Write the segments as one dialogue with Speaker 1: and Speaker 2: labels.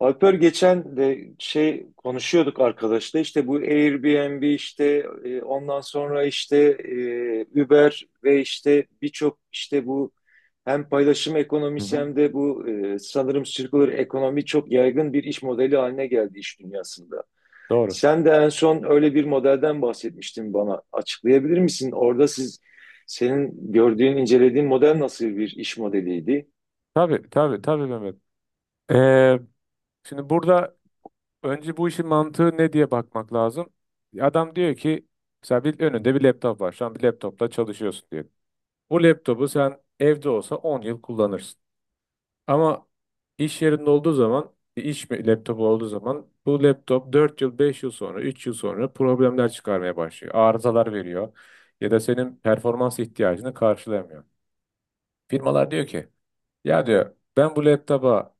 Speaker 1: Alper geçen de şey konuşuyorduk arkadaşla işte bu Airbnb işte ondan sonra işte Uber ve işte birçok işte bu hem paylaşım
Speaker 2: Hı
Speaker 1: ekonomisi
Speaker 2: hı.
Speaker 1: hem de bu sanırım circular ekonomi çok yaygın bir iş modeli haline geldi iş dünyasında.
Speaker 2: Doğru.
Speaker 1: Sen de en son öyle bir modelden bahsetmiştin bana. Açıklayabilir misin? Orada siz senin gördüğün, incelediğin model nasıl bir iş modeliydi?
Speaker 2: Tabii tabii tabii Mehmet. Ee, Şimdi burada önce bu işin mantığı ne diye bakmak lazım. Adam diyor ki mesela önünde bir laptop var. Şu an bir laptopla çalışıyorsun diyor. Bu laptopu sen evde olsa 10 yıl kullanırsın. Ama iş yerinde olduğu zaman laptopu olduğu zaman bu laptop 4 yıl 5 yıl sonra 3 yıl sonra problemler çıkarmaya başlıyor. Arızalar veriyor ya da senin performans ihtiyacını karşılayamıyor. Firmalar diyor ki ya diyor ben bu laptopa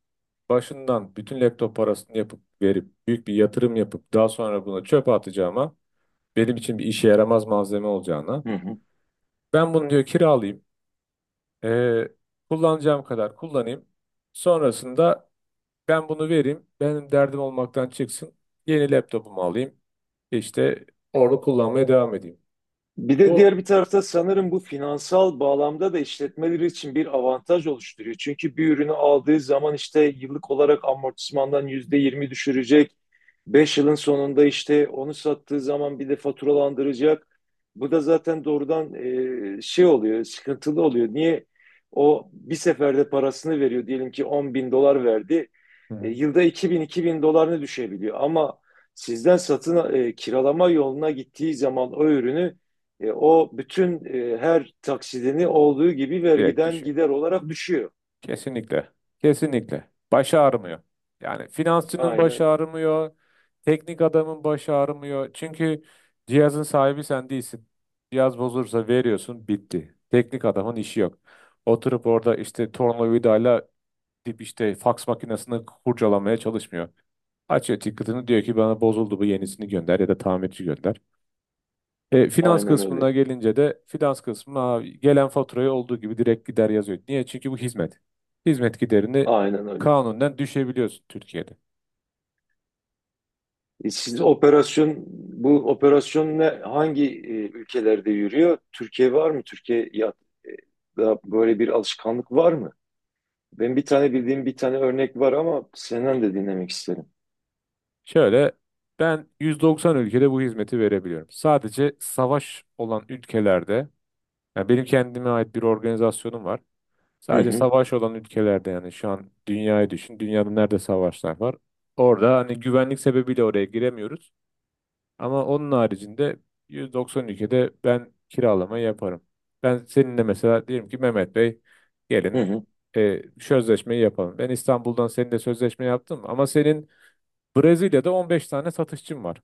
Speaker 2: başından bütün laptop parasını yapıp verip büyük bir yatırım yapıp daha sonra buna çöpe atacağıma, benim için bir işe yaramaz malzeme olacağına, ben bunu diyor kiralayayım, eee, kullanacağım kadar kullanayım, sonrasında ben bunu vereyim benim derdim olmaktan çıksın, yeni laptopumu alayım, işte orada kullanmaya devam edeyim.
Speaker 1: Bir de
Speaker 2: Bu,
Speaker 1: diğer bir tarafta sanırım bu finansal bağlamda da işletmeleri için bir avantaj oluşturuyor. Çünkü bir ürünü aldığı zaman işte yıllık olarak amortismandan %20 düşürecek. 5 yılın sonunda işte onu sattığı zaman bir de faturalandıracak. Bu da zaten doğrudan şey oluyor, sıkıntılı oluyor. Niye? O bir seferde parasını veriyor. Diyelim ki 10 bin dolar verdi.
Speaker 2: hı
Speaker 1: E,
Speaker 2: hı,
Speaker 1: yılda 2000 dolarını düşebiliyor. Ama sizden kiralama yoluna gittiği zaman o ürünü o bütün her taksidini olduğu gibi
Speaker 2: direkt
Speaker 1: vergiden
Speaker 2: düşüyor.
Speaker 1: gider olarak düşüyor.
Speaker 2: Kesinlikle. Kesinlikle. Baş ağrımıyor. Yani finansçının başı
Speaker 1: Aynen,
Speaker 2: ağrımıyor. Teknik adamın başı ağrımıyor. Çünkü cihazın sahibi sen değilsin. Cihaz bozulursa veriyorsun bitti. Teknik adamın işi yok. Oturup orada işte tornavidayla dip işte faks makinesini kurcalamaya çalışmıyor. Açıyor ticket'ını diyor ki bana bozuldu bu, yenisini gönder ya da tamirci gönder. Finans
Speaker 1: aynen öyle.
Speaker 2: kısmına gelince de finans kısmına abi gelen faturayı olduğu gibi direkt gider yazıyor. Niye? Çünkü bu hizmet. Hizmet giderini
Speaker 1: Aynen öyle.
Speaker 2: kanunen düşebiliyorsun Türkiye'de.
Speaker 1: E, siz operasyon Bu operasyon hangi ülkelerde yürüyor? Türkiye var mı? Türkiye ya da böyle bir alışkanlık var mı? Ben bir tane bildiğim bir tane örnek var ama senden de dinlemek isterim.
Speaker 2: Şöyle, ben 190 ülkede bu hizmeti verebiliyorum. Sadece savaş olan ülkelerde, yani benim kendime ait bir organizasyonum var.
Speaker 1: Hı
Speaker 2: Sadece
Speaker 1: hı,
Speaker 2: savaş olan ülkelerde, yani şu an dünyayı düşün. Dünyada nerede savaşlar var? Orada hani güvenlik sebebiyle oraya giremiyoruz. Ama onun haricinde 190 ülkede ben kiralama yaparım. Ben seninle mesela diyelim ki Mehmet Bey,
Speaker 1: hı
Speaker 2: gelin
Speaker 1: hı.
Speaker 2: sözleşmeyi yapalım. Ben İstanbul'dan seninle sözleşme yaptım ama senin Brezilya'da 15 tane satışçın var.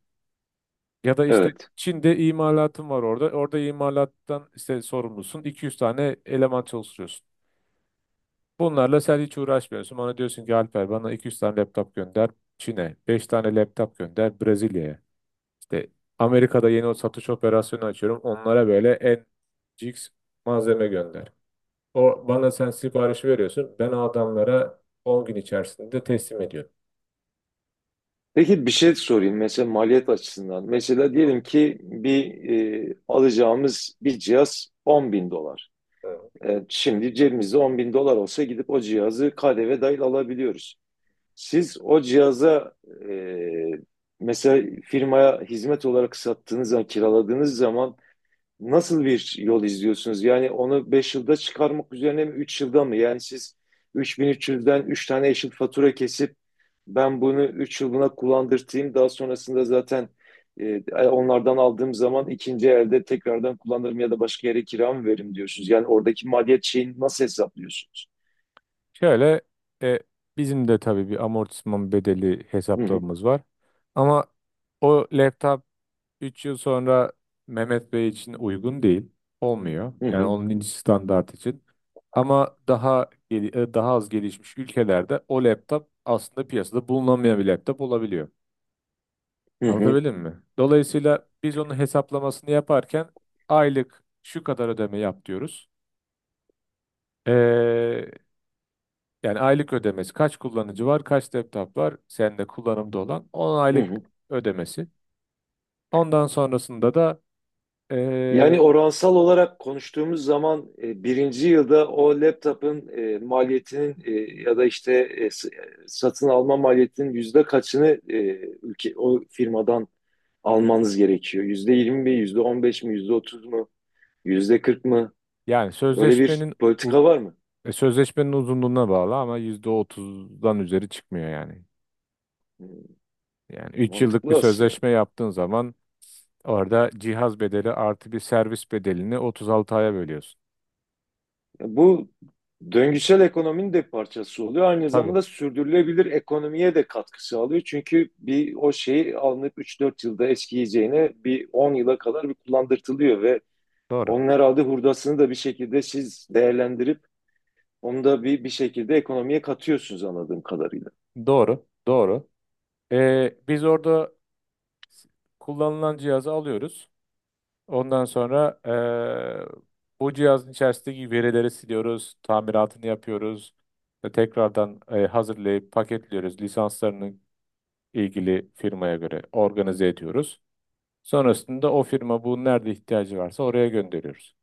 Speaker 2: Ya da işte
Speaker 1: Evet.
Speaker 2: Çin'de imalatın var orada. Orada imalattan işte sorumlusun. 200 tane eleman çalıştırıyorsun. Bunlarla sen hiç uğraşmıyorsun. Bana diyorsun ki Alper, bana 200 tane laptop gönder Çin'e. 5 tane laptop gönder Brezilya'ya. İşte Amerika'da yeni o satış operasyonu açıyorum. Onlara böyle en cix malzeme gönder. O bana sen siparişi veriyorsun. Ben o adamlara 10 gün içerisinde teslim ediyorum.
Speaker 1: Peki bir şey sorayım mesela maliyet açısından. Mesela
Speaker 2: Hı.
Speaker 1: diyelim ki alacağımız bir cihaz 10 bin dolar.
Speaker 2: hı.
Speaker 1: Şimdi cebimizde 10 bin dolar olsa gidip o cihazı KDV dahil alabiliyoruz. Siz o cihaza e, mesela firmaya hizmet olarak sattığınız zaman, kiraladığınız zaman nasıl bir yol izliyorsunuz? Yani onu 5 yılda çıkarmak üzerine mi 3 yılda mı? Yani siz 3300'den üç yüzden üç tane eşit fatura kesip ben bunu 3 yılına kullandırtayım. Daha sonrasında zaten e, onlardan aldığım zaman ikinci elde tekrardan kullanırım ya da başka yere kira mı veririm diyorsunuz. Yani oradaki maliyet şeyini nasıl hesaplıyorsunuz?
Speaker 2: Şöyle, e, bizim de tabii bir amortisman bedeli
Speaker 1: Hı hı,
Speaker 2: hesaplamamız var. Ama o laptop 3 yıl sonra Mehmet Bey için uygun değil. Olmuyor.
Speaker 1: hı
Speaker 2: Yani
Speaker 1: hı,
Speaker 2: onun ince standart için. Ama daha az gelişmiş ülkelerde o laptop aslında piyasada bulunamayan bir laptop olabiliyor.
Speaker 1: hı hı,
Speaker 2: Anlatabildim mi? Dolayısıyla biz onun hesaplamasını yaparken aylık şu kadar ödeme yap diyoruz. Ee, Yani aylık ödemesi, kaç kullanıcı var, kaç laptop var sende kullanımda olan, on
Speaker 1: hı
Speaker 2: aylık
Speaker 1: hı.
Speaker 2: ödemesi. Ondan sonrasında da
Speaker 1: Yani
Speaker 2: ee,
Speaker 1: oransal olarak konuştuğumuz zaman birinci yılda o laptopun maliyetinin ya da işte satın alma maliyetinin yüzde kaçını o firmadan almanız gerekiyor? %20 mi, %15 mi, %30 mu, yüzde kırk mı?
Speaker 2: yani
Speaker 1: Öyle bir
Speaker 2: uz-
Speaker 1: politika var mı?
Speaker 2: Sözleşmenin uzunluğuna bağlı ama %30'dan üzeri çıkmıyor yani.
Speaker 1: Hmm.
Speaker 2: Yani 3 yıllık bir
Speaker 1: Mantıklı aslında.
Speaker 2: sözleşme yaptığın zaman orada cihaz bedeli artı bir servis bedelini 36 aya bölüyorsun.
Speaker 1: Bu döngüsel ekonominin de parçası oluyor. Aynı
Speaker 2: Tabii,
Speaker 1: zamanda sürdürülebilir ekonomiye de katkı sağlıyor. Çünkü bir o şeyi alınıp 3-4 yılda eskiyeceğine bir 10 yıla kadar bir kullandırtılıyor ve
Speaker 2: doğru.
Speaker 1: onun herhalde hurdasını da bir şekilde siz değerlendirip onu da bir şekilde ekonomiye katıyorsunuz anladığım kadarıyla.
Speaker 2: Doğru. Doğru. Biz orada s- kullanılan cihazı alıyoruz. Ondan sonra bu cihazın içerisindeki verileri siliyoruz, tamiratını yapıyoruz ve tekrardan hazırlayıp paketliyoruz. Lisanslarını ilgili firmaya göre organize ediyoruz. Sonrasında o firma bu nerede ihtiyacı varsa oraya gönderiyoruz.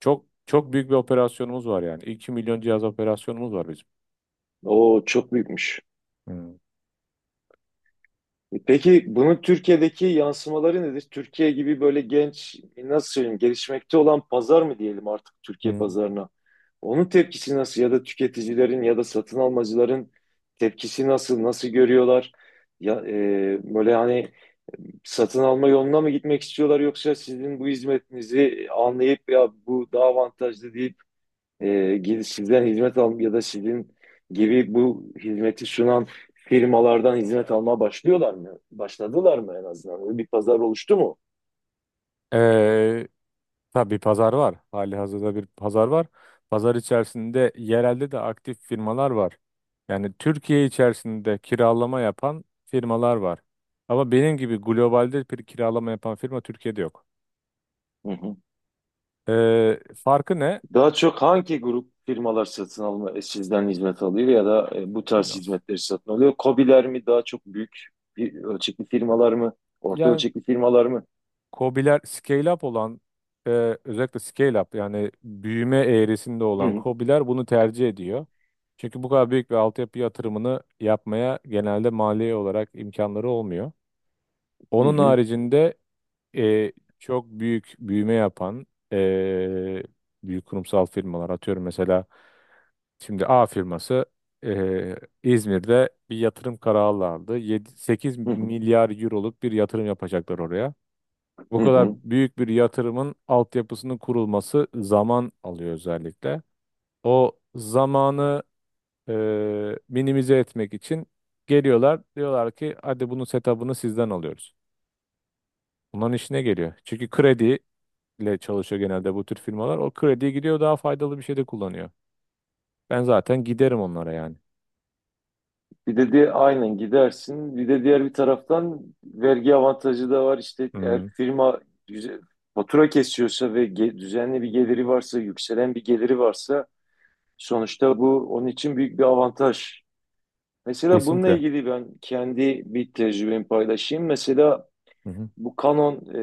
Speaker 2: Çok çok büyük bir operasyonumuz var yani. 2 milyon cihaz operasyonumuz var bizim.
Speaker 1: O çok büyükmüş.
Speaker 2: Hmm.
Speaker 1: Peki bunun Türkiye'deki yansımaları nedir? Türkiye gibi böyle genç, nasıl söyleyeyim, gelişmekte olan pazar mı diyelim artık Türkiye
Speaker 2: Hmm.
Speaker 1: pazarına? Onun tepkisi nasıl ya da tüketicilerin ya da satın almacıların tepkisi nasıl görüyorlar? Ya, böyle hani satın alma yoluna mı gitmek istiyorlar yoksa sizin bu hizmetinizi anlayıp ya bu daha avantajlı deyip e, sizden hizmet al ya da sizin gibi bu hizmeti sunan firmalardan hizmet almaya başlıyorlar mı? Başladılar mı en azından? Öyle bir pazar oluştu mu?
Speaker 2: Ee, tabii pazar var. Hali hazırda bir pazar var. Pazar içerisinde yerelde de aktif firmalar var. Yani Türkiye içerisinde kiralama yapan firmalar var. Ama benim gibi globalde bir kiralama yapan firma Türkiye'de yok.
Speaker 1: Hı hı.
Speaker 2: Farkı ne?
Speaker 1: Daha çok hangi grup firmalar satın alma sizden hizmet alıyor ya da bu tarz
Speaker 2: Binance.
Speaker 1: hizmetleri satın alıyor? KOBİ'ler mi daha çok büyük bir ölçekli firmalar mı? Orta ölçekli firmalar mı?
Speaker 2: KOBİ'ler scale up olan, e, özellikle scale up yani büyüme eğrisinde
Speaker 1: Hı
Speaker 2: olan
Speaker 1: hı.
Speaker 2: KOBİ'ler bunu tercih ediyor. Çünkü bu kadar büyük bir altyapı yatırımını yapmaya genelde maliye olarak imkanları olmuyor.
Speaker 1: Hı
Speaker 2: Onun
Speaker 1: hı.
Speaker 2: haricinde e, çok büyük büyüme yapan e, büyük kurumsal firmalar, atıyorum mesela, şimdi A firması e, İzmir'de bir yatırım kararı aldı. 7, 8
Speaker 1: Hı hı.
Speaker 2: milyar euroluk bir yatırım yapacaklar oraya. Bu
Speaker 1: Hı
Speaker 2: kadar
Speaker 1: hı.
Speaker 2: büyük bir yatırımın altyapısının kurulması zaman alıyor özellikle. O zamanı e, minimize etmek için geliyorlar diyorlar ki hadi bunun setup'ını sizden alıyoruz. Bunların işine geliyor. Çünkü krediyle çalışıyor genelde bu tür firmalar. O krediye gidiyor daha faydalı bir şey de kullanıyor. Ben zaten giderim onlara yani.
Speaker 1: Bir de aynen gidersin. Bir de diğer bir taraftan vergi avantajı da var. İşte eğer
Speaker 2: Hmm,
Speaker 1: firma güzel, fatura kesiyorsa ve düzenli bir geliri varsa, yükselen bir geliri varsa sonuçta bu onun için büyük bir avantaj. Mesela bununla
Speaker 2: kesinlikle.
Speaker 1: ilgili ben kendi bir tecrübemi paylaşayım. Mesela
Speaker 2: Hı hı,
Speaker 1: bu Canon e,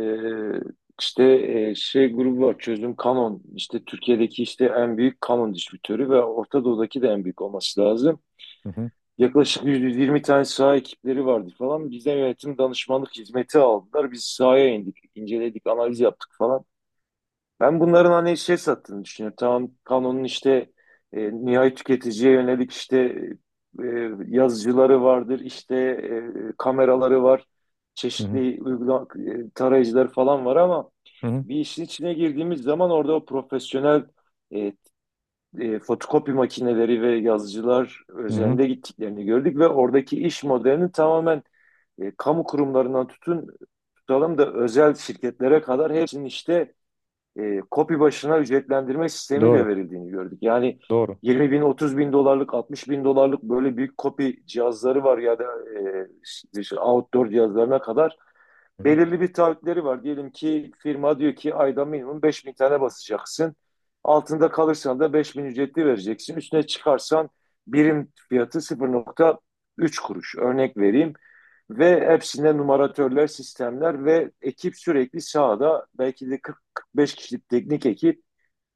Speaker 1: işte şey grubu var çözüm Canon. İşte Türkiye'deki işte en büyük Canon distribütörü ve Orta Doğu'daki de en büyük olması lazım.
Speaker 2: hı hı,
Speaker 1: Yaklaşık 120 tane saha ekipleri vardı falan. Bizden yönetim danışmanlık hizmeti aldılar. Biz sahaya indik, inceledik, analiz yaptık falan. Ben bunların hani şey sattığını düşünüyorum. Tamam, Canon'un işte nihai tüketiciye yönelik işte e, yazıcıları vardır, işte kameraları var,
Speaker 2: hı hı,
Speaker 1: çeşitli tarayıcılar falan var ama
Speaker 2: hı hı,
Speaker 1: bir işin içine girdiğimiz zaman orada o profesyonel e, fotokopi makineleri ve yazıcılar
Speaker 2: hı hı.
Speaker 1: üzerinde gittiklerini gördük ve oradaki iş modelinin tamamen kamu kurumlarından tutalım da özel şirketlere kadar hepsinin işte kopi başına ücretlendirme sistemiyle
Speaker 2: Doğru,
Speaker 1: verildiğini gördük. Yani
Speaker 2: doğru.
Speaker 1: 20 bin, 30 bin dolarlık, 60 bin dolarlık böyle büyük kopi cihazları var ya da e, işte outdoor cihazlarına kadar
Speaker 2: Hı hı.
Speaker 1: belirli bir taahhütleri var. Diyelim ki firma diyor ki ayda minimum 5 bin tane basacaksın. Altında kalırsan da 5 bin ücretli vereceksin. Üstüne çıkarsan birim fiyatı 0,3 kuruş. Örnek vereyim. Ve hepsinde numaratörler, sistemler ve ekip sürekli sahada belki de 40-45 kişilik teknik ekip.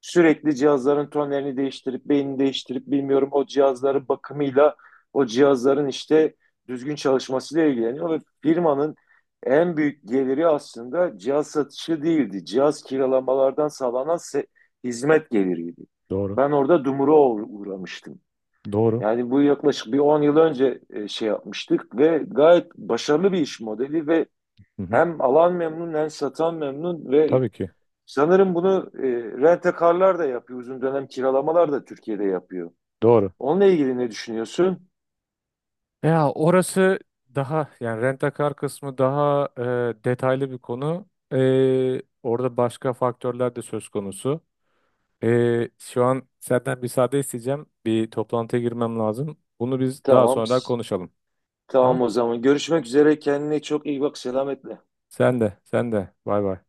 Speaker 1: Sürekli cihazların tonlerini değiştirip, beynini değiştirip bilmiyorum o cihazların bakımıyla, o cihazların işte düzgün çalışmasıyla ilgileniyor ve firmanın en büyük geliri aslında cihaz satışı değildi. Cihaz kiralamalardan sağlanan hizmet geliriydi.
Speaker 2: Doğru,
Speaker 1: Ben orada dumura uğramıştım.
Speaker 2: doğru.
Speaker 1: Yani bu yaklaşık bir 10 yıl önce şey yapmıştık ve gayet başarılı bir iş modeli ve
Speaker 2: Hı hı,
Speaker 1: hem alan memnun hem satan memnun ve
Speaker 2: tabii ki.
Speaker 1: sanırım bunu rent-a-car'lar da yapıyor. Uzun dönem kiralamalar da Türkiye'de yapıyor.
Speaker 2: Doğru.
Speaker 1: Onunla ilgili ne düşünüyorsun?
Speaker 2: Ya orası daha yani rent-a-car kısmı daha detaylı bir konu. Orada başka faktörler de söz konusu. Şu an senden müsaade isteyeceğim. Bir toplantıya girmem lazım. Bunu biz daha
Speaker 1: Tamam.
Speaker 2: sonra konuşalım.
Speaker 1: Tamam
Speaker 2: Tamam?
Speaker 1: o zaman. Görüşmek üzere. Kendine çok iyi bak. Selametle.
Speaker 2: Sen de, sen de. Bay bay.